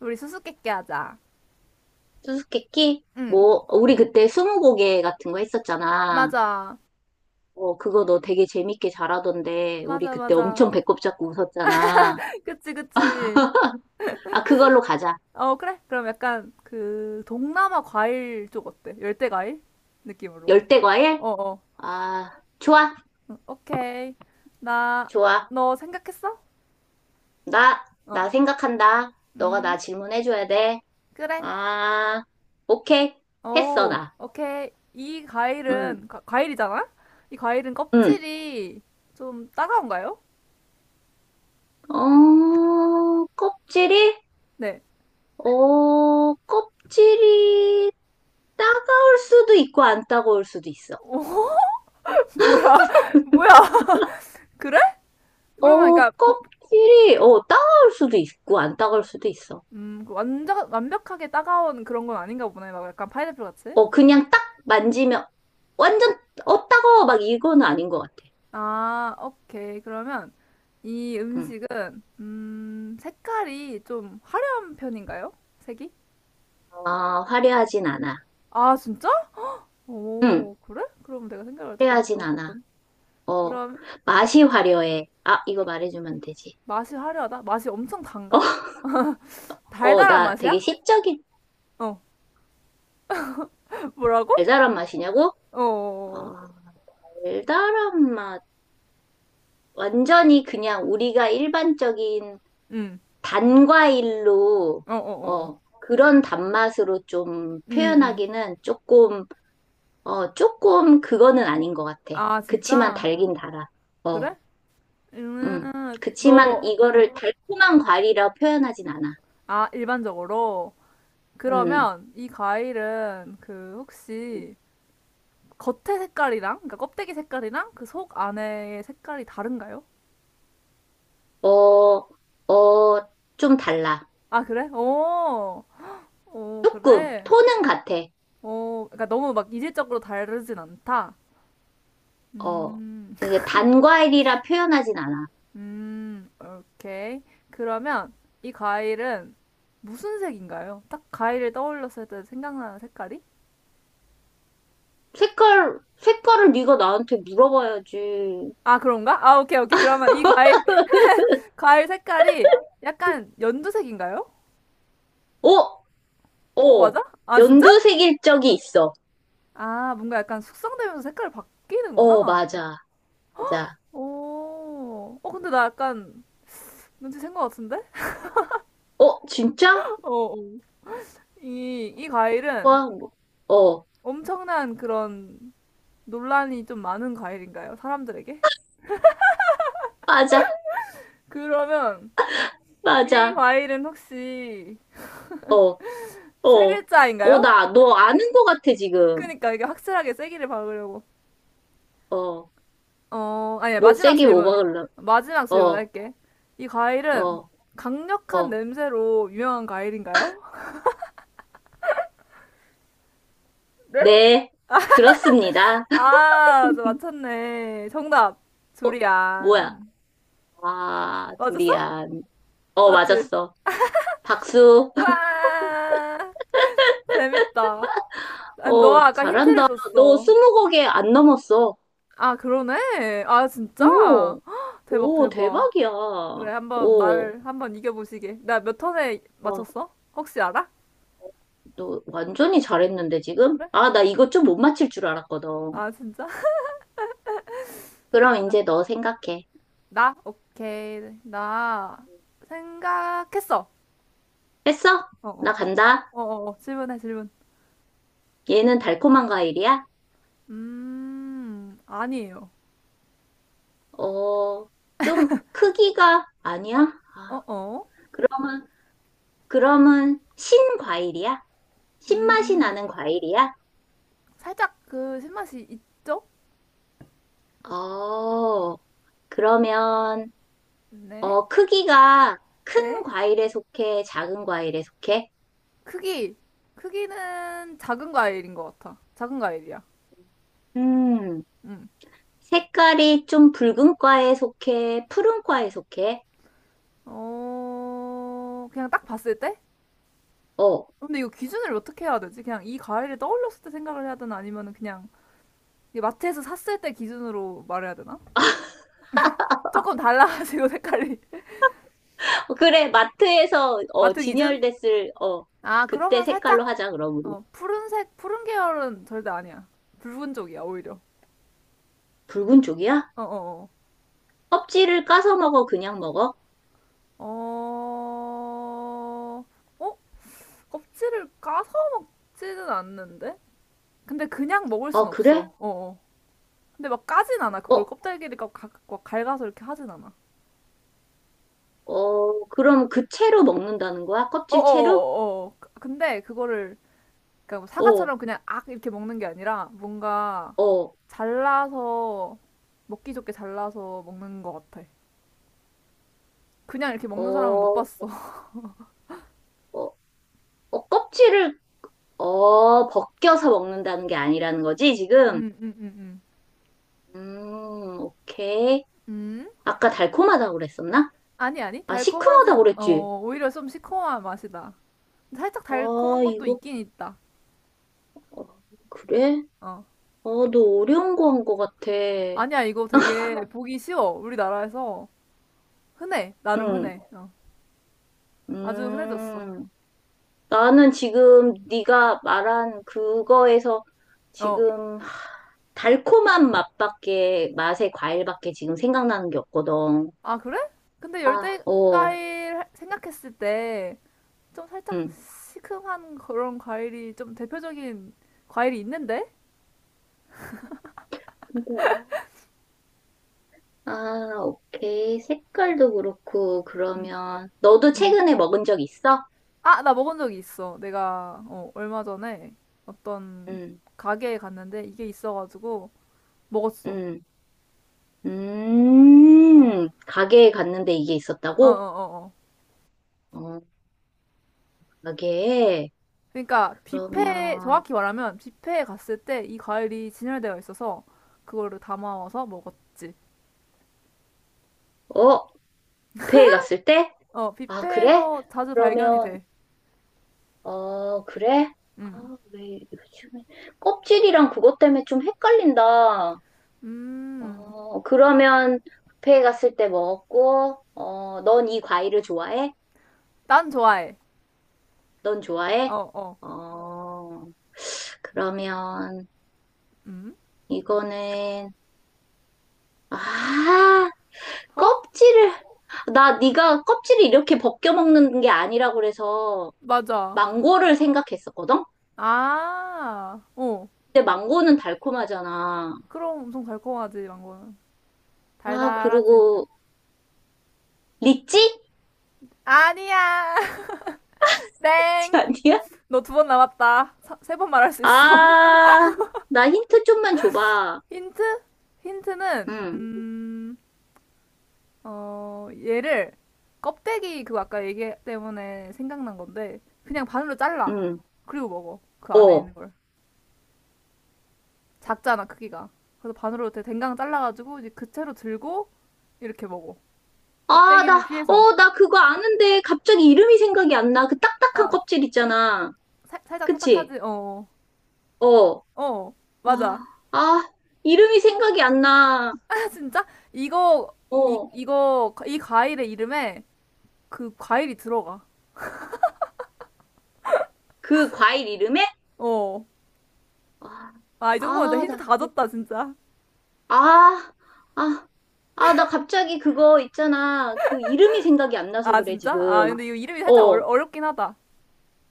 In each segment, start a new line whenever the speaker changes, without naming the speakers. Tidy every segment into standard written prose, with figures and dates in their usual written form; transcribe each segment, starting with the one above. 우리 수수께끼 하자.
수수께끼?
응,
뭐, 우리 그때 스무고개 같은 거 했었잖아.
맞아.
어, 그거 너 되게 재밌게 잘하던데, 우리
맞아,
그때
맞아.
엄청 배꼽 잡고 웃었잖아.
그치, 그치.
아, 그걸로 가자.
어, 그래. 그럼 약간 그 동남아 과일 쪽 어때? 열대 과일? 느낌으로.
열대과일?
어, 어.
아, 좋아,
응, 오케이. 나,
좋아.
너 생각했어?
나,
어.
나 생각한다. 너가 나
음,
질문해줘야 돼.
그래.
아, 오케이. 했어,
오,
나.
오케이. 이
응,
과일은, 과일이잖아? 이 과일은
응.
껍질이 좀 따가운가요?
어, 껍질이?
네.
어, 껍질이 따가울 수도 있고 안 따가울 수도 있어.
오, 뭐야. 뭐야. 그래? 그러면
어,
그러니까 보,
껍질이, 어, 따가울 수도 있고, 안 따가울 수도 있어.
그 완전 완벽하게 따가운 그런 건 아닌가 보네. 막 약간 파인애플 같이.
어, 그냥 딱 만지면, 완전, 어, 따가워, 막 이거는 아닌 것 같아.
아, 오케이. 그러면 이
응.
음식은 색깔이 좀 화려한 편인가요? 색이?
아, 화려하진 않아.
아, 진짜?
응,
오, 그래? 그럼 내가 생각을 조금
화려하진 않아.
잘못했군.
어,
그럼
맛이 화려해. 아, 이거 말해주면 되지.
맛이 화려하다? 맛이 엄청 단가?
어,
달달한
나
맛이야?
되게 시적인
어, 뭐라고?
달달한 맛이냐고?
어, 어, 어.
어, 달달한 맛. 완전히 그냥 우리가 일반적인
음,
단과일로,
어, 어, 어, 어.
어, 그런 단맛으로 좀
음, 음.
표현하기는 조금, 어, 조금 그거는 아닌 것 같아.
아,
그치만
진짜?
달긴 달아. 어,
그래? 음,
음. 그치만
너,
이거를 달콤한 과일이라 표현하진 않아.
아, 일반적으로.
음.
그러면 이 과일은 그 혹시 겉의 색깔이랑, 그러니까 껍데기 색깔이랑 그 속 안의 색깔이 다른가요?
어, 어, 좀 달라.
아, 그래? 오, 오
조금,
그래?
톤은 같아.
오, 그러니까 너무 막 이질적으로 다르진 않다.
어,
음,
이게 단과일이라 표현하진 않아.
오케이. 그러면 이 과일은 무슨 색인가요? 딱 과일을 떠올렸을 때 생각나는 색깔이?
색깔, 색깔을 네가 나한테 물어봐야지.
아, 그런가? 아, 오케이, 오케이. 그러면 이 과일, 과일 색깔이 약간 연두색인가요?
어?
어,
어,
맞아? 아, 진짜?
연두색일 적이 있어.
아, 뭔가 약간 숙성되면서 색깔이
어,
바뀌는구나.
맞아, 맞아.
오, 어, 근데 나 약간 눈치 챈 것 같은데?
어, 진짜?
어, 어. 이 과일은
와, 뭐, 어,
엄청난 그런 논란이 좀 많은 과일인가요? 사람들에게?
맞아,
그러면 이
맞아.
과일은 혹시
어,
세
어, 어,
글자인가요?
너 아는 거 같아, 지금.
그니까 이게 확실하게 세기를 박으려고.
어,
어, 아니야,
뭐,
마지막
세게 뭐
질문.
박을래?
마지막 질문
어,
할게. 이 과일은
어,
강력한
어,
냄새로 유명한 과일인가요?
네, 그렇습니다.
아, 저 맞췄네. 정답.
뭐야?
두리안.
아,
맞았어?
두리안. 어,
맞지?
맞았어. 박수.
와, 재밌다. 아니,
어,
너가 아까 힌트를
잘한다. 너
줬어.
스무 곡에 안 넘었어.
아, 그러네. 아, 진짜?
오,
헉, 대박,
오,
대박.
대박이야.
그래, 한번
오.
나를 한번 이겨보시게. 나 몇 턴에
와.
맞췄어? 혹시 알아?
너 완전히 잘했는데 지금?
그래?
아, 나 이거 좀 못 맞힐 줄 알았거든.
아, 진짜?
그럼 이제 너 생각해.
나? 오케이. 나 생각했어.
했어?
어, 어.
나 간다.
어, 어, 어. 질문해, 질문.
얘는 달콤한 과일이야?
아니에요.
어, 좀 크기가 아니야? 아,
어, 어.
그러면, 그러면 신과일이야? 신맛이
음.
나는 과일이야?
살짝 그 신맛이 있죠?
어, 그러면,
네.
어, 크기가 큰
네.
과일에 속해? 작은 과일에 속해?
크기. 크기는 작은 과일인 것 같아. 작은 과일이야.
음,
음.
색깔이 좀 붉은 과에 속해? 푸른 과에 속해?
어, 그냥 딱 봤을 때?
어,
근데 이거 기준을 어떻게 해야 되지? 그냥 이 과일을 떠올렸을 때 생각을 해야 되나? 아니면 그냥 마트에서 샀을 때 기준으로 말해야 되나? 조금 달라가지고 색깔이.
그래, 마트에서, 어,
마트 기준?
진열됐을, 어,
아,
그때
그러면 살짝,
색깔로 하자, 그럼 우리.
어, 푸른색, 푸른 계열은 절대 아니야. 붉은 쪽이야, 오히려.
붉은 쪽이야?
어어어.
껍질을 까서 먹어, 그냥 먹어?
어, 어, 어, 껍질을 까서 먹지는 않는데? 근데 그냥 먹을 순
어, 그래?
없어. 어, 어. 근데 막 까진 않아. 그걸
어,
껍데기를 갈가서 이렇게 하진 않아.
어, 그럼 그 채로 먹는다는 거야? 껍질 채로?
어어어어. 근데 그거를 그러니까 뭐
어,
사과처럼 그냥 악 이렇게 먹는 게 아니라 뭔가
어,
잘라서 먹기 좋게 잘라서 먹는 것 같아. 그냥 이렇게 먹는 사람을 못
어,
봤어.
어, 어, 껍질을, 어, 벗겨서 먹는다는 게 아니라는 거지, 지금?
음, 음, 음, 음.
오케이.
음?
아까 달콤하다고 그랬었나?
아니, 아니.
아, 시큼하다고
달콤하진,
그랬지?
어, 오히려 좀 시커먼 맛이다. 살짝 달콤한
아,
것도
이거,
있긴 있다.
어, 그래?
어.
어, 너 어려운 거 한 거 같아.
아니야, 이거 되게 보기 쉬워. 우리나라에서 흔해. 나름
응,
흔해. 어. 아주 흔해졌어.
음, 나는 지금 네가 말한 그거에서
어.
지금 달콤한 맛밖에, 맛의 과일밖에 지금 생각나는 게 없거든.
아, 그래? 근데
아,
열대
어.
과일 생각했을 때 좀 살짝
응.
시큼한 그런 과일이 좀 대표적인 과일이 있는데?
근데 아, 아, 오케이. 색깔도 그렇고,
음.
그러면 너도
음.
최근에 먹은 적 있어?
아, 나 먹은 적이 있어. 내가 어, 얼마 전에 어떤
응,
가게에 갔는데 이게 있어가지고 먹었어.
응.
어.
가게에 갔는데 이게
어, 어,
있었다고?
어, 어.
어, 가게에.
그러니까 뷔페,
그러면
정확히 말하면 뷔페에 갔을 때 이 과일이 진열되어 있어서 그거를 담아와서 먹었지.
어, 뷔페에 갔을 때?
어,
아, 그래?
뷔페에서 자주 발견이 돼.
그러면, 어, 그래?
음.
아, 왜 요즘에 껍질이랑 그것 때문에 좀 헷갈린다.
음.
어, 그러면 뷔페에 갔을 때 먹었고, 어, 넌 이 과일을 좋아해?
난 좋아해.
넌 좋아해?
어, 어.
어, 그러면
음.
이거는 아,
어?
껍질을 나 네가 껍질을 이렇게 벗겨 먹는 게 아니라 그래서
맞아.
망고를 생각했었거든.
아. 어.
근데 망고는 달콤하잖아.
그럼 엄청 달콤하지, 망고는.
아,
달달하지.
그리고 리찌?
아니야. 땡.
아니야?
너 두번 남았다. 세번 말할 수 있어.
아, 나 힌트 좀만 줘봐.
힌트? 힌트는
응,
음, 어, 얘를 껍데기, 그거 아까 얘기 때문에 생각난 건데 그냥 반으로 잘라.
응,
그리고 먹어. 그 안에
어.
있는 걸. 작잖아, 크기가. 그래서 반으로 댕강 잘라가지고 이제 그 채로 들고 이렇게 먹어.
아, 나,
껍데기를 피해서.
어, 나 그거 아는데 갑자기 이름이 생각이 안 나. 그 딱딱한
아,
껍질 있잖아.
살짝
그치?
딱딱하지? 어.
어.
어, 어,
아,
맞아.
아, 이름이 생각이 안 나.
진짜? 이거,
어.
이 과일의 이름에 그 과일이 들어가.
그 과일 이름에?
어.
아,
아, 이 정도면 진짜
아,
힌트
나
다
그게
줬다, 진짜.
아, 아, 아, 나 갑자기 그거 있잖아. 그 이름이 생각이 안 나서
아,
그래,
진짜? 아,
지금.
근데 이거 이름이 살짝
어,
어렵긴 하다.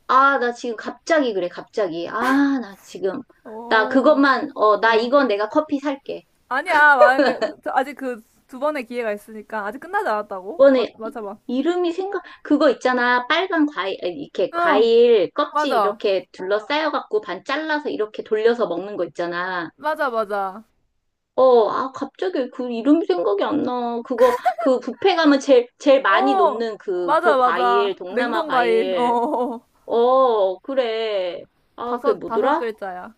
아, 나 지금 갑자기 그래, 갑자기. 아, 나 지금. 나
어,
그것만, 어, 나
어.
이건 내가 커피 살게.
아니야, 만약에, 아직 그 두 번의 기회가 있으니까. 아직 끝나지 않았다고?
이번에
맞아봐.
이름이 생각, 그거 있잖아. 빨간 과일, 아니, 이렇게
응,
과일 껍질
맞아.
이렇게 둘러싸여갖고 반 잘라서 이렇게 돌려서 먹는 거 있잖아.
맞아, 맞아.
어, 아, 갑자기 그 이름이 생각이 안 나. 그거, 그 뷔페 가면 제일 많이
어,
놓는 그
맞아, 맞아.
과일, 동남아
냉동과일. 어,
과일.
어, 어.
어, 그래. 아, 그게
다섯
뭐더라?
글자야.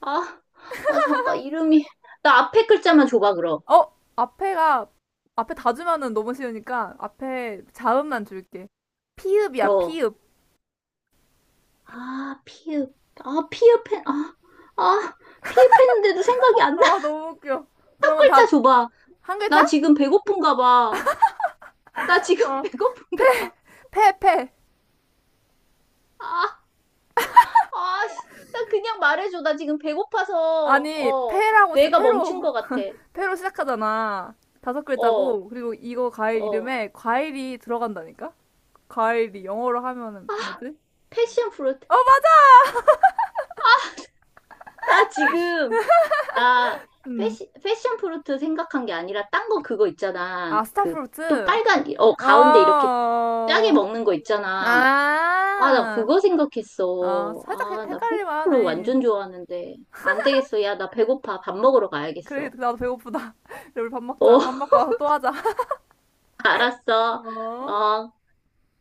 아, 아, 잠깐, 이름이. 나 앞에 글자만 줘봐, 그럼.
어, 앞에가, 앞에 다 주면은 너무 쉬우니까 앞에 자음만 줄게. 피읍이야,
어.
피읍.
아, 피읍. 아, 아, 아, 피읍했는데도 생각이 안 나.
아, 너무 웃겨.
첫
그러면 다,
글자 줘봐.
한 글자?
나 지금 배고픈가 봐. 나 지금
어,
배고픈가 봐.
패.
아. 아, 씨, 나 그냥 말해줘. 나 지금 배고파서,
아니,
어,
패라고,
내가 멈춘
패로,
것 같아.
패로 시작하잖아. 다섯
어,
글자고, 그리고 이거 과일
어.
이름에 과일이 들어간다니까? 과일이 영어로 하면은
아,
뭐지?
패션 프루트.
어, 맞아!
나 지금, 나
음.
패션 프루트 생각한 게 아니라, 딴 거 그거 있잖아.
아,
그, 또
스타프루트?
빨간, 어,
어,
가운데 이렇게 짜게 먹는 거 있잖아. 아, 나
아,
그거
아,
생각했어.
살짝
아, 나 패션
헷갈릴만
프루트
하네.
완전 좋아하는데. 안 되겠어. 야, 나 배고파. 밥 먹으러
그래,
가야겠어.
나도 배고프다. 우리 밥 먹자.
어,
밥 먹고 와서 또 하자.
알았어.
어?
어.